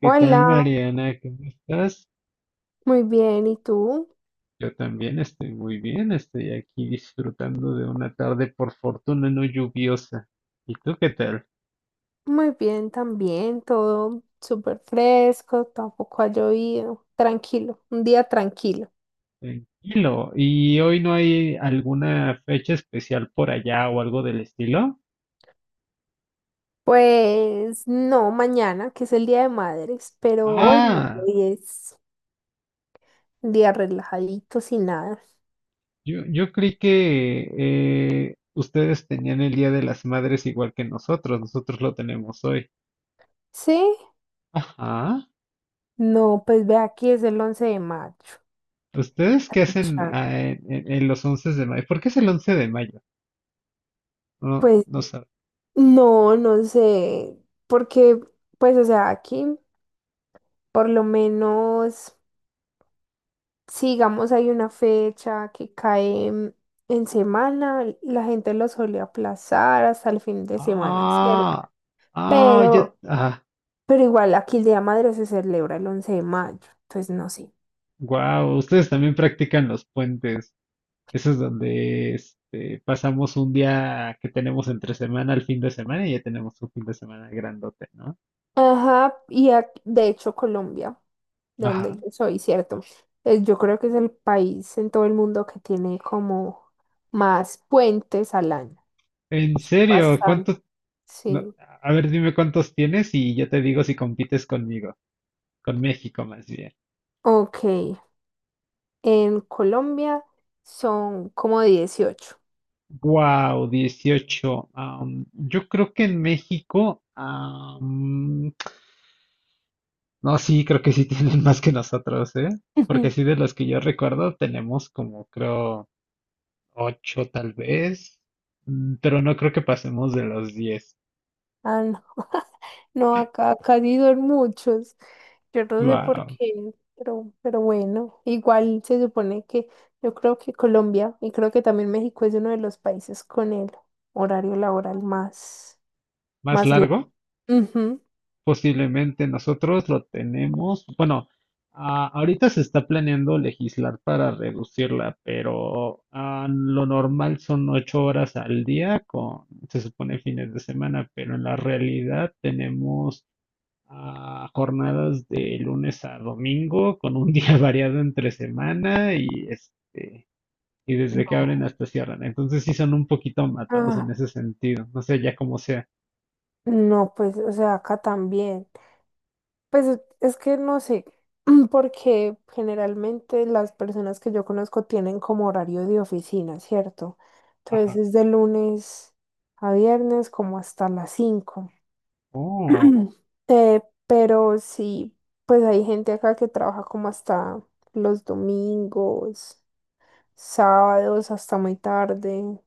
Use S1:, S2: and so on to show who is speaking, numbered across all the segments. S1: ¿Qué tal,
S2: Hola,
S1: Mariana? ¿Cómo estás?
S2: muy bien. ¿Y tú?
S1: Yo también estoy muy bien, estoy aquí disfrutando de una tarde por fortuna no lluviosa. ¿Y tú qué tal?
S2: Muy bien también, todo súper fresco, tampoco ha llovido. Tranquilo, un día tranquilo.
S1: Tranquilo. ¿Y hoy no hay alguna fecha especial por allá o algo del estilo?
S2: Pues no, mañana, que es el Día de Madres, pero hoy no,
S1: Ah,
S2: hoy es un día relajadito, sin nada.
S1: yo creí que ustedes tenían el Día de las Madres igual que nosotros lo tenemos hoy.
S2: ¿Sí?
S1: Ajá.
S2: No, pues ve aquí, es el 11 de mayo.
S1: ¿Ustedes qué hacen
S2: Claro.
S1: en los 11 de mayo? ¿Por qué es el 11 de mayo? No,
S2: Pues
S1: no sabes.
S2: no, no sé, porque pues o sea, aquí por lo menos si digamos hay una fecha que cae en semana, la gente lo suele aplazar hasta el fin de semana, ¿cierto?
S1: Ah, ah, ya,
S2: Pero, pero igual aquí el Día de Madre se celebra el 11 de mayo, entonces no sé.
S1: wow, ustedes también practican los puentes. Eso es donde pasamos un día que tenemos entre semana al fin de semana y ya tenemos un fin de semana grandote, ¿no?
S2: Ajá, y de hecho Colombia, de donde
S1: Ajá.
S2: yo soy, ¿cierto? Yo creo que es el país en todo el mundo que tiene como más puentes al año.
S1: En
S2: Son
S1: serio,
S2: bastante,
S1: ¿cuántos? No,
S2: sí.
S1: a ver, dime cuántos tienes y yo te digo si compites conmigo, con México más bien.
S2: Ok, en Colombia son como 18.
S1: Wow, 18. Yo creo que en México, no, sí, creo que sí tienen más que nosotros, ¿eh? Porque sí, de los que yo recuerdo, tenemos como, creo, ocho tal vez, pero no creo que pasemos de los 10.
S2: Ah, no. No, acá sí son muchos. Yo no sé por
S1: Wow.
S2: qué, pero bueno, igual se supone que yo creo que Colombia y creo que también México es uno de los países con el horario laboral más,
S1: Más
S2: más largo.
S1: largo,
S2: Ujú.
S1: posiblemente nosotros lo tenemos. Bueno, ah, ahorita se está planeando legislar para reducirla, pero ah, lo normal son 8 horas al día con, se supone, fines de semana, pero en la realidad tenemos a jornadas de lunes a domingo, con un día variado entre semana y desde que abren hasta cierran. Entonces sí son un poquito matados en
S2: Ah,
S1: ese sentido. No sé, ya como sea.
S2: no, pues, o sea, acá también. Pues es que no sé, porque generalmente las personas que yo conozco tienen como horario de oficina, ¿cierto? Entonces
S1: Ajá.
S2: es de lunes a viernes como hasta las 5.
S1: Oh,
S2: Pero sí, pues hay gente acá que trabaja como hasta los domingos, sábados, hasta muy tarde.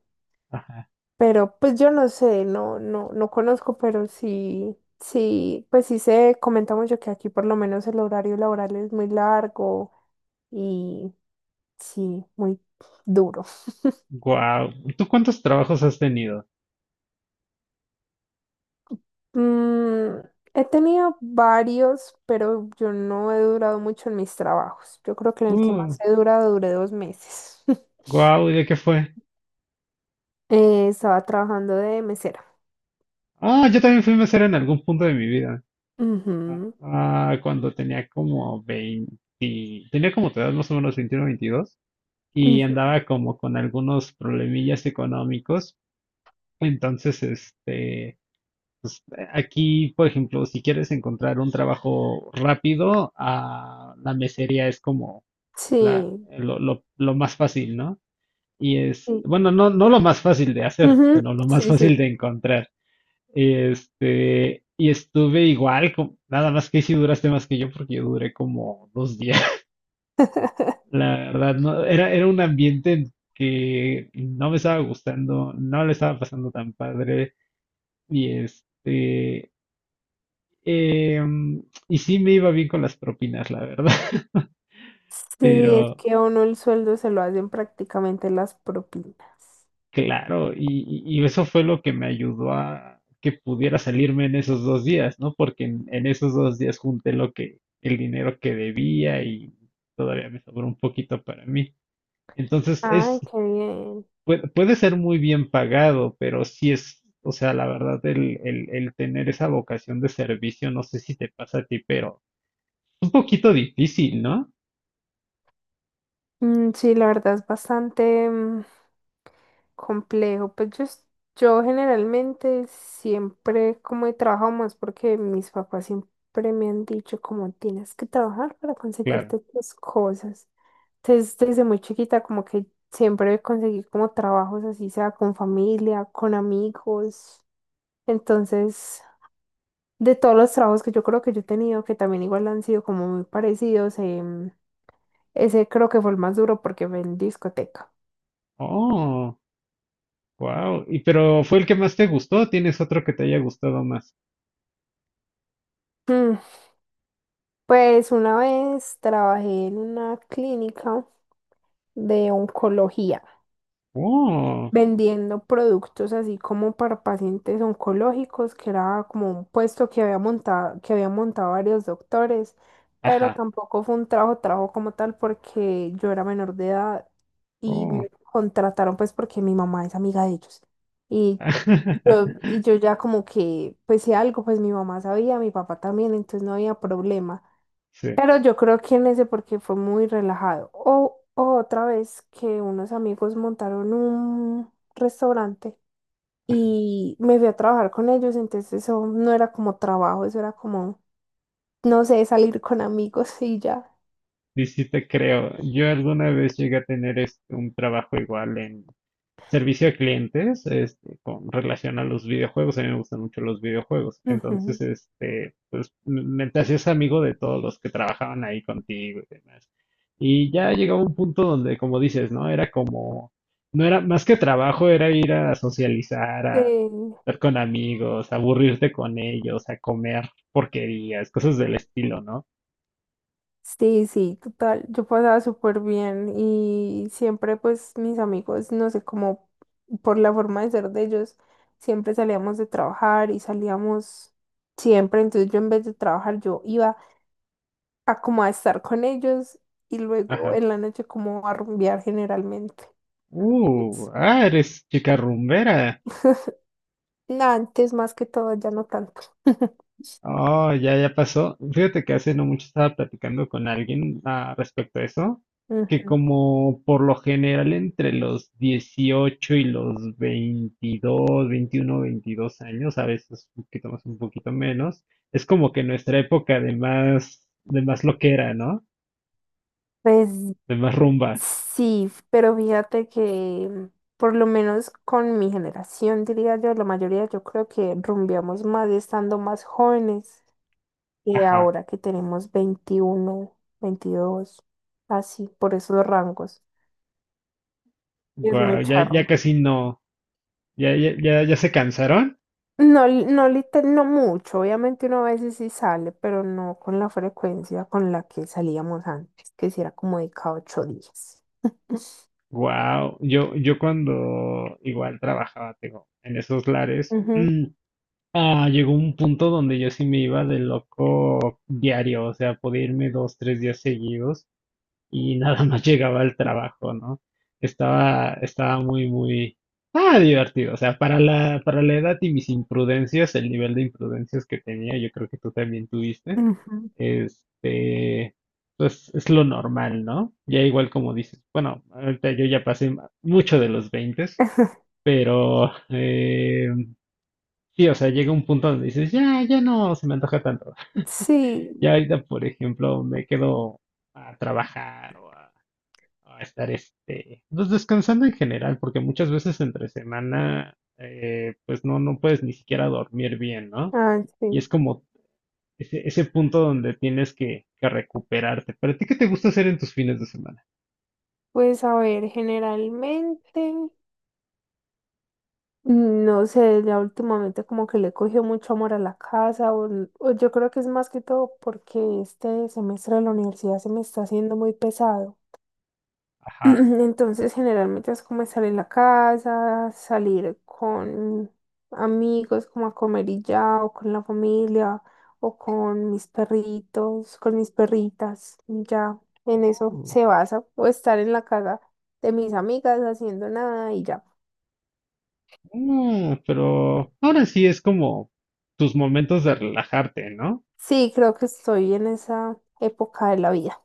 S1: ajá.
S2: Pero pues yo no sé, no conozco, pero sí, sí, pues sí se comenta mucho que aquí por lo menos el horario laboral es muy largo y sí, muy duro.
S1: Guau. ¿Tú cuántos trabajos has tenido?
S2: Mm, He tenido varios, pero yo no he durado mucho en mis trabajos. Yo creo que en el que
S1: Uh,
S2: más he durado duré 2 meses.
S1: guau, ¿y de qué fue?
S2: Estaba trabajando de mesera.
S1: Ah, yo también fui mesero en algún punto de mi vida. Ah,
S2: Ujú,
S1: ah, cuando tenía como 20 tenía como tu edad, más o menos 21, 22, y
S2: ujú.
S1: andaba como con algunos problemillas económicos. Entonces, pues, aquí, por ejemplo, si quieres encontrar un trabajo rápido, ah, la mesería es como la,
S2: Sí,
S1: lo, lo, lo más fácil, ¿no? Y es,
S2: sí.
S1: bueno, no, no lo más fácil de hacer,
S2: Ujú,
S1: sino lo más
S2: sí,
S1: fácil
S2: sí.
S1: de encontrar. Y estuve igual, nada más que si duraste más que yo, porque yo duré como 2 días. La verdad, no, era un ambiente en que no me estaba gustando, no le estaba pasando tan padre, y em, y sí me iba bien con las propinas, la verdad,
S2: Sí, es
S1: pero
S2: que a uno el sueldo se lo hacen prácticamente las propinas.
S1: claro, y eso fue lo que me ayudó a que pudiera salirme en esos 2 días, ¿no? Porque en esos 2 días junté lo que, el dinero que debía, y todavía me sobró un poquito para mí. Entonces, es,
S2: Ay, qué bien.
S1: puede ser muy bien pagado, pero sí es, o sea, la verdad, el tener esa vocación de servicio, no sé si te pasa a ti, pero es un poquito difícil, ¿no?
S2: Mm, sí, la verdad es bastante complejo. Pues yo generalmente siempre como he trabajado más porque mis papás siempre me han dicho como tienes que trabajar para
S1: Claro.
S2: conseguirte tus cosas. Entonces desde muy chiquita como que siempre conseguí como trabajos así sea con familia, con amigos. Entonces de todos los trabajos que yo creo que yo he tenido, que también igual han sido como muy parecidos, ese creo que fue el más duro porque fue en discoteca.
S1: Oh, wow. Y pero fue el que más te gustó, ¿tienes otro que te haya gustado más?
S2: Mm, Pues una vez trabajé en una clínica de oncología,
S1: Oh,
S2: vendiendo productos así como para pacientes oncológicos, que era como un puesto que había montado, que habían montado varios doctores, pero
S1: ajá.
S2: tampoco fue un trabajo, trabajo como tal porque yo era menor de edad y
S1: Oh.
S2: me contrataron pues porque mi mamá es amiga de ellos. Y yo, y yo ya como que, pues si algo, pues mi mamá sabía, mi papá también, entonces no había problema.
S1: Sí.
S2: Pero yo creo que en ese porque fue muy relajado. O otra vez que unos amigos montaron un restaurante y me fui a trabajar con ellos, entonces eso no era como trabajo, eso era como, no sé, salir con amigos y ya.
S1: Y sí te creo. Yo alguna vez llegué a tener un trabajo igual en servicio a clientes, con relación a los videojuegos. A mí me gustan mucho los videojuegos. Entonces,
S2: Ujú.
S1: pues me te hacías amigo de todos los que trabajaban ahí contigo y demás. Y ya llegaba un punto donde, como dices, ¿no? Era como, no era más que trabajo, era ir a socializar, a
S2: Sí.
S1: estar con amigos, a aburrirte con ellos, a comer porquerías, cosas del estilo, ¿no?
S2: Sí, sí, total. Yo pasaba súper bien y siempre pues mis amigos, no sé, cómo por la forma de ser de ellos, siempre salíamos de trabajar y salíamos siempre. Entonces yo en vez de trabajar, yo iba a como a estar con ellos y luego
S1: Ajá.
S2: en la noche como a rumbear generalmente.
S1: Uh,
S2: Es-
S1: ah, eres chica rumbera.
S2: Antes más que todo, ya no tanto.
S1: Oh, ya, ya pasó. Fíjate que hace no mucho estaba platicando con alguien ah, respecto a eso, que
S2: Ujú.
S1: como por lo general entre los 18 y los 22, 21, 22 años, a veces un poquito más, un poquito menos, es como que nuestra época de más loquera, ¿no?
S2: Pues
S1: De más rumba.
S2: sí, pero fíjate que por lo menos con mi generación, diría yo, la mayoría yo creo que rumbeamos más estando más jóvenes que
S1: Ajá.
S2: ahora que tenemos 21, 22, así, por esos rangos. Es
S1: Guau,
S2: muy
S1: ya, ya
S2: charro.
S1: casi no. Ya, ya, ya, ya se cansaron.
S2: No, no mucho, obviamente uno a veces sí sale, pero no con la frecuencia con la que salíamos antes, que si era como de cada 8 días.
S1: Wow, yo cuando igual trabajaba, tengo, en esos lares,
S2: Ujú,
S1: ah, llegó un punto donde yo sí me iba de loco diario, o sea, podía irme 2, 3 días seguidos y nada más llegaba al trabajo, ¿no? Estaba muy, muy, ah, divertido, o sea, para la edad y mis imprudencias, el nivel de imprudencias que tenía, yo creo que tú también tuviste.
S2: ujú.
S1: Este, pues es lo normal, ¿no? Ya igual como dices, bueno, ahorita yo ya pasé mucho de los 20, pero sí, o sea, llega un punto donde dices, ya, ya no se me antoja tanto.
S2: Sí,
S1: Ya ahorita, por ejemplo, me quedo a trabajar o a estar, pues descansando en general, porque muchas veces entre semana, pues no, no puedes ni siquiera dormir bien, ¿no? Y
S2: sí.
S1: es como ese punto donde tienes que recuperarte. ¿Pero a ti qué te gusta hacer en tus fines de semana?
S2: Pues a ver, generalmente, no sé, ya últimamente como que le cogió mucho amor a la casa, o yo creo que es más que todo porque este semestre de la universidad se me está haciendo muy pesado.
S1: Ajá.
S2: Entonces, generalmente es como salir a la casa, salir con amigos, como a comer y ya, o con la familia, o con mis perritos, con mis perritas, y ya. En eso
S1: Oh,
S2: se basa, o estar en la casa de mis amigas haciendo nada y ya.
S1: ah, pero ahora sí es como tus momentos de relajarte, ¿no?
S2: Sí, creo que estoy en esa época de la vida.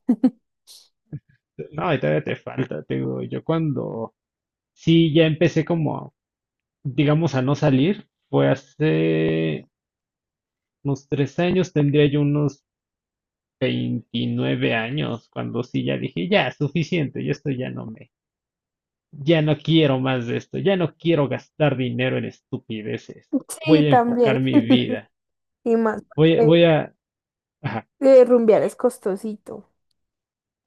S1: No, y todavía te falta, te digo, yo cuando sí ya empecé como, digamos, a no salir, fue hace unos 3 años, tendría yo unos 29 años, cuando sí ya dije, ya, suficiente, y esto ya no me, ya no quiero más de esto, ya no quiero gastar dinero en estupideces. Voy
S2: Sí,
S1: a
S2: también.
S1: enfocar mi vida.
S2: Y más
S1: Voy, a-
S2: porque
S1: voy a... Ajá.
S2: rumbear es costosito.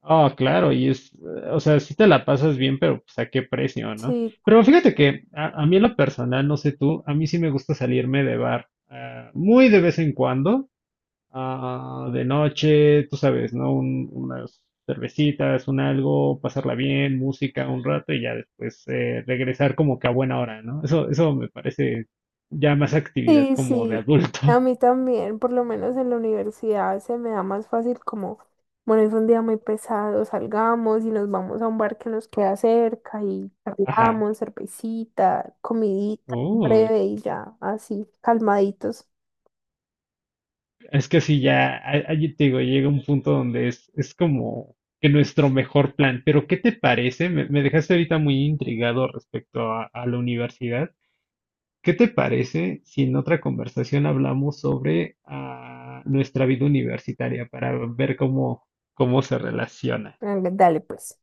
S1: Oh, claro, y es, o sea, si te la pasas bien, pero pues a qué precio, ¿no?
S2: Sí,
S1: Pero fíjate que a mí en lo personal, no sé tú, a mí sí me gusta salirme de bar, ah, muy de vez en cuando. Ah, de noche, tú sabes, ¿no? Unas cervecitas, un algo, pasarla bien, música un rato y ya después regresar como que a buena hora, ¿no? Eso me parece ya más actividad
S2: sí,
S1: como de
S2: sí, a
S1: adulto.
S2: mí también, por lo menos en la universidad se me da más fácil como, bueno, es un día muy pesado, salgamos y nos vamos a un bar que nos queda cerca y
S1: Ajá.
S2: charlamos, cervecita, comidita,
S1: Uy,
S2: breve y ya, así, calmaditos.
S1: es que sí, ya, allí te digo, llega un punto donde es como que nuestro mejor plan. Pero, ¿qué te parece? Me dejaste ahorita muy intrigado respecto a la universidad. ¿Qué te parece si en otra conversación hablamos sobre nuestra vida universitaria para ver cómo se relaciona?
S2: Venga, dale, pues.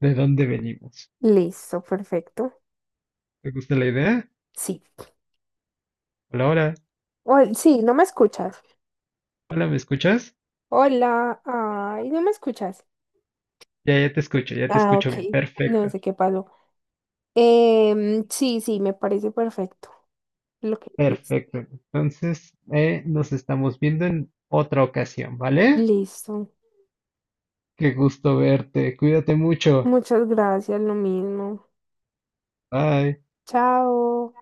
S1: ¿De dónde venimos?
S2: Listo, perfecto.
S1: ¿Te gusta la idea?
S2: Sí.
S1: Hola, hola,
S2: Sí, no me escuchas.
S1: hola, ¿me escuchas?
S2: Hola, ay, no me escuchas.
S1: Ya, ya te
S2: Ah,
S1: escucho
S2: ok,
S1: bien.
S2: no
S1: Perfecto,
S2: sé qué pasó. Sí, sí, me parece perfecto lo que dices.
S1: perfecto. Entonces, nos estamos viendo en otra ocasión, ¿vale?
S2: Listo.
S1: Qué gusto verte. Cuídate mucho.
S2: Muchas gracias, lo mismo.
S1: Bye.
S2: Chao.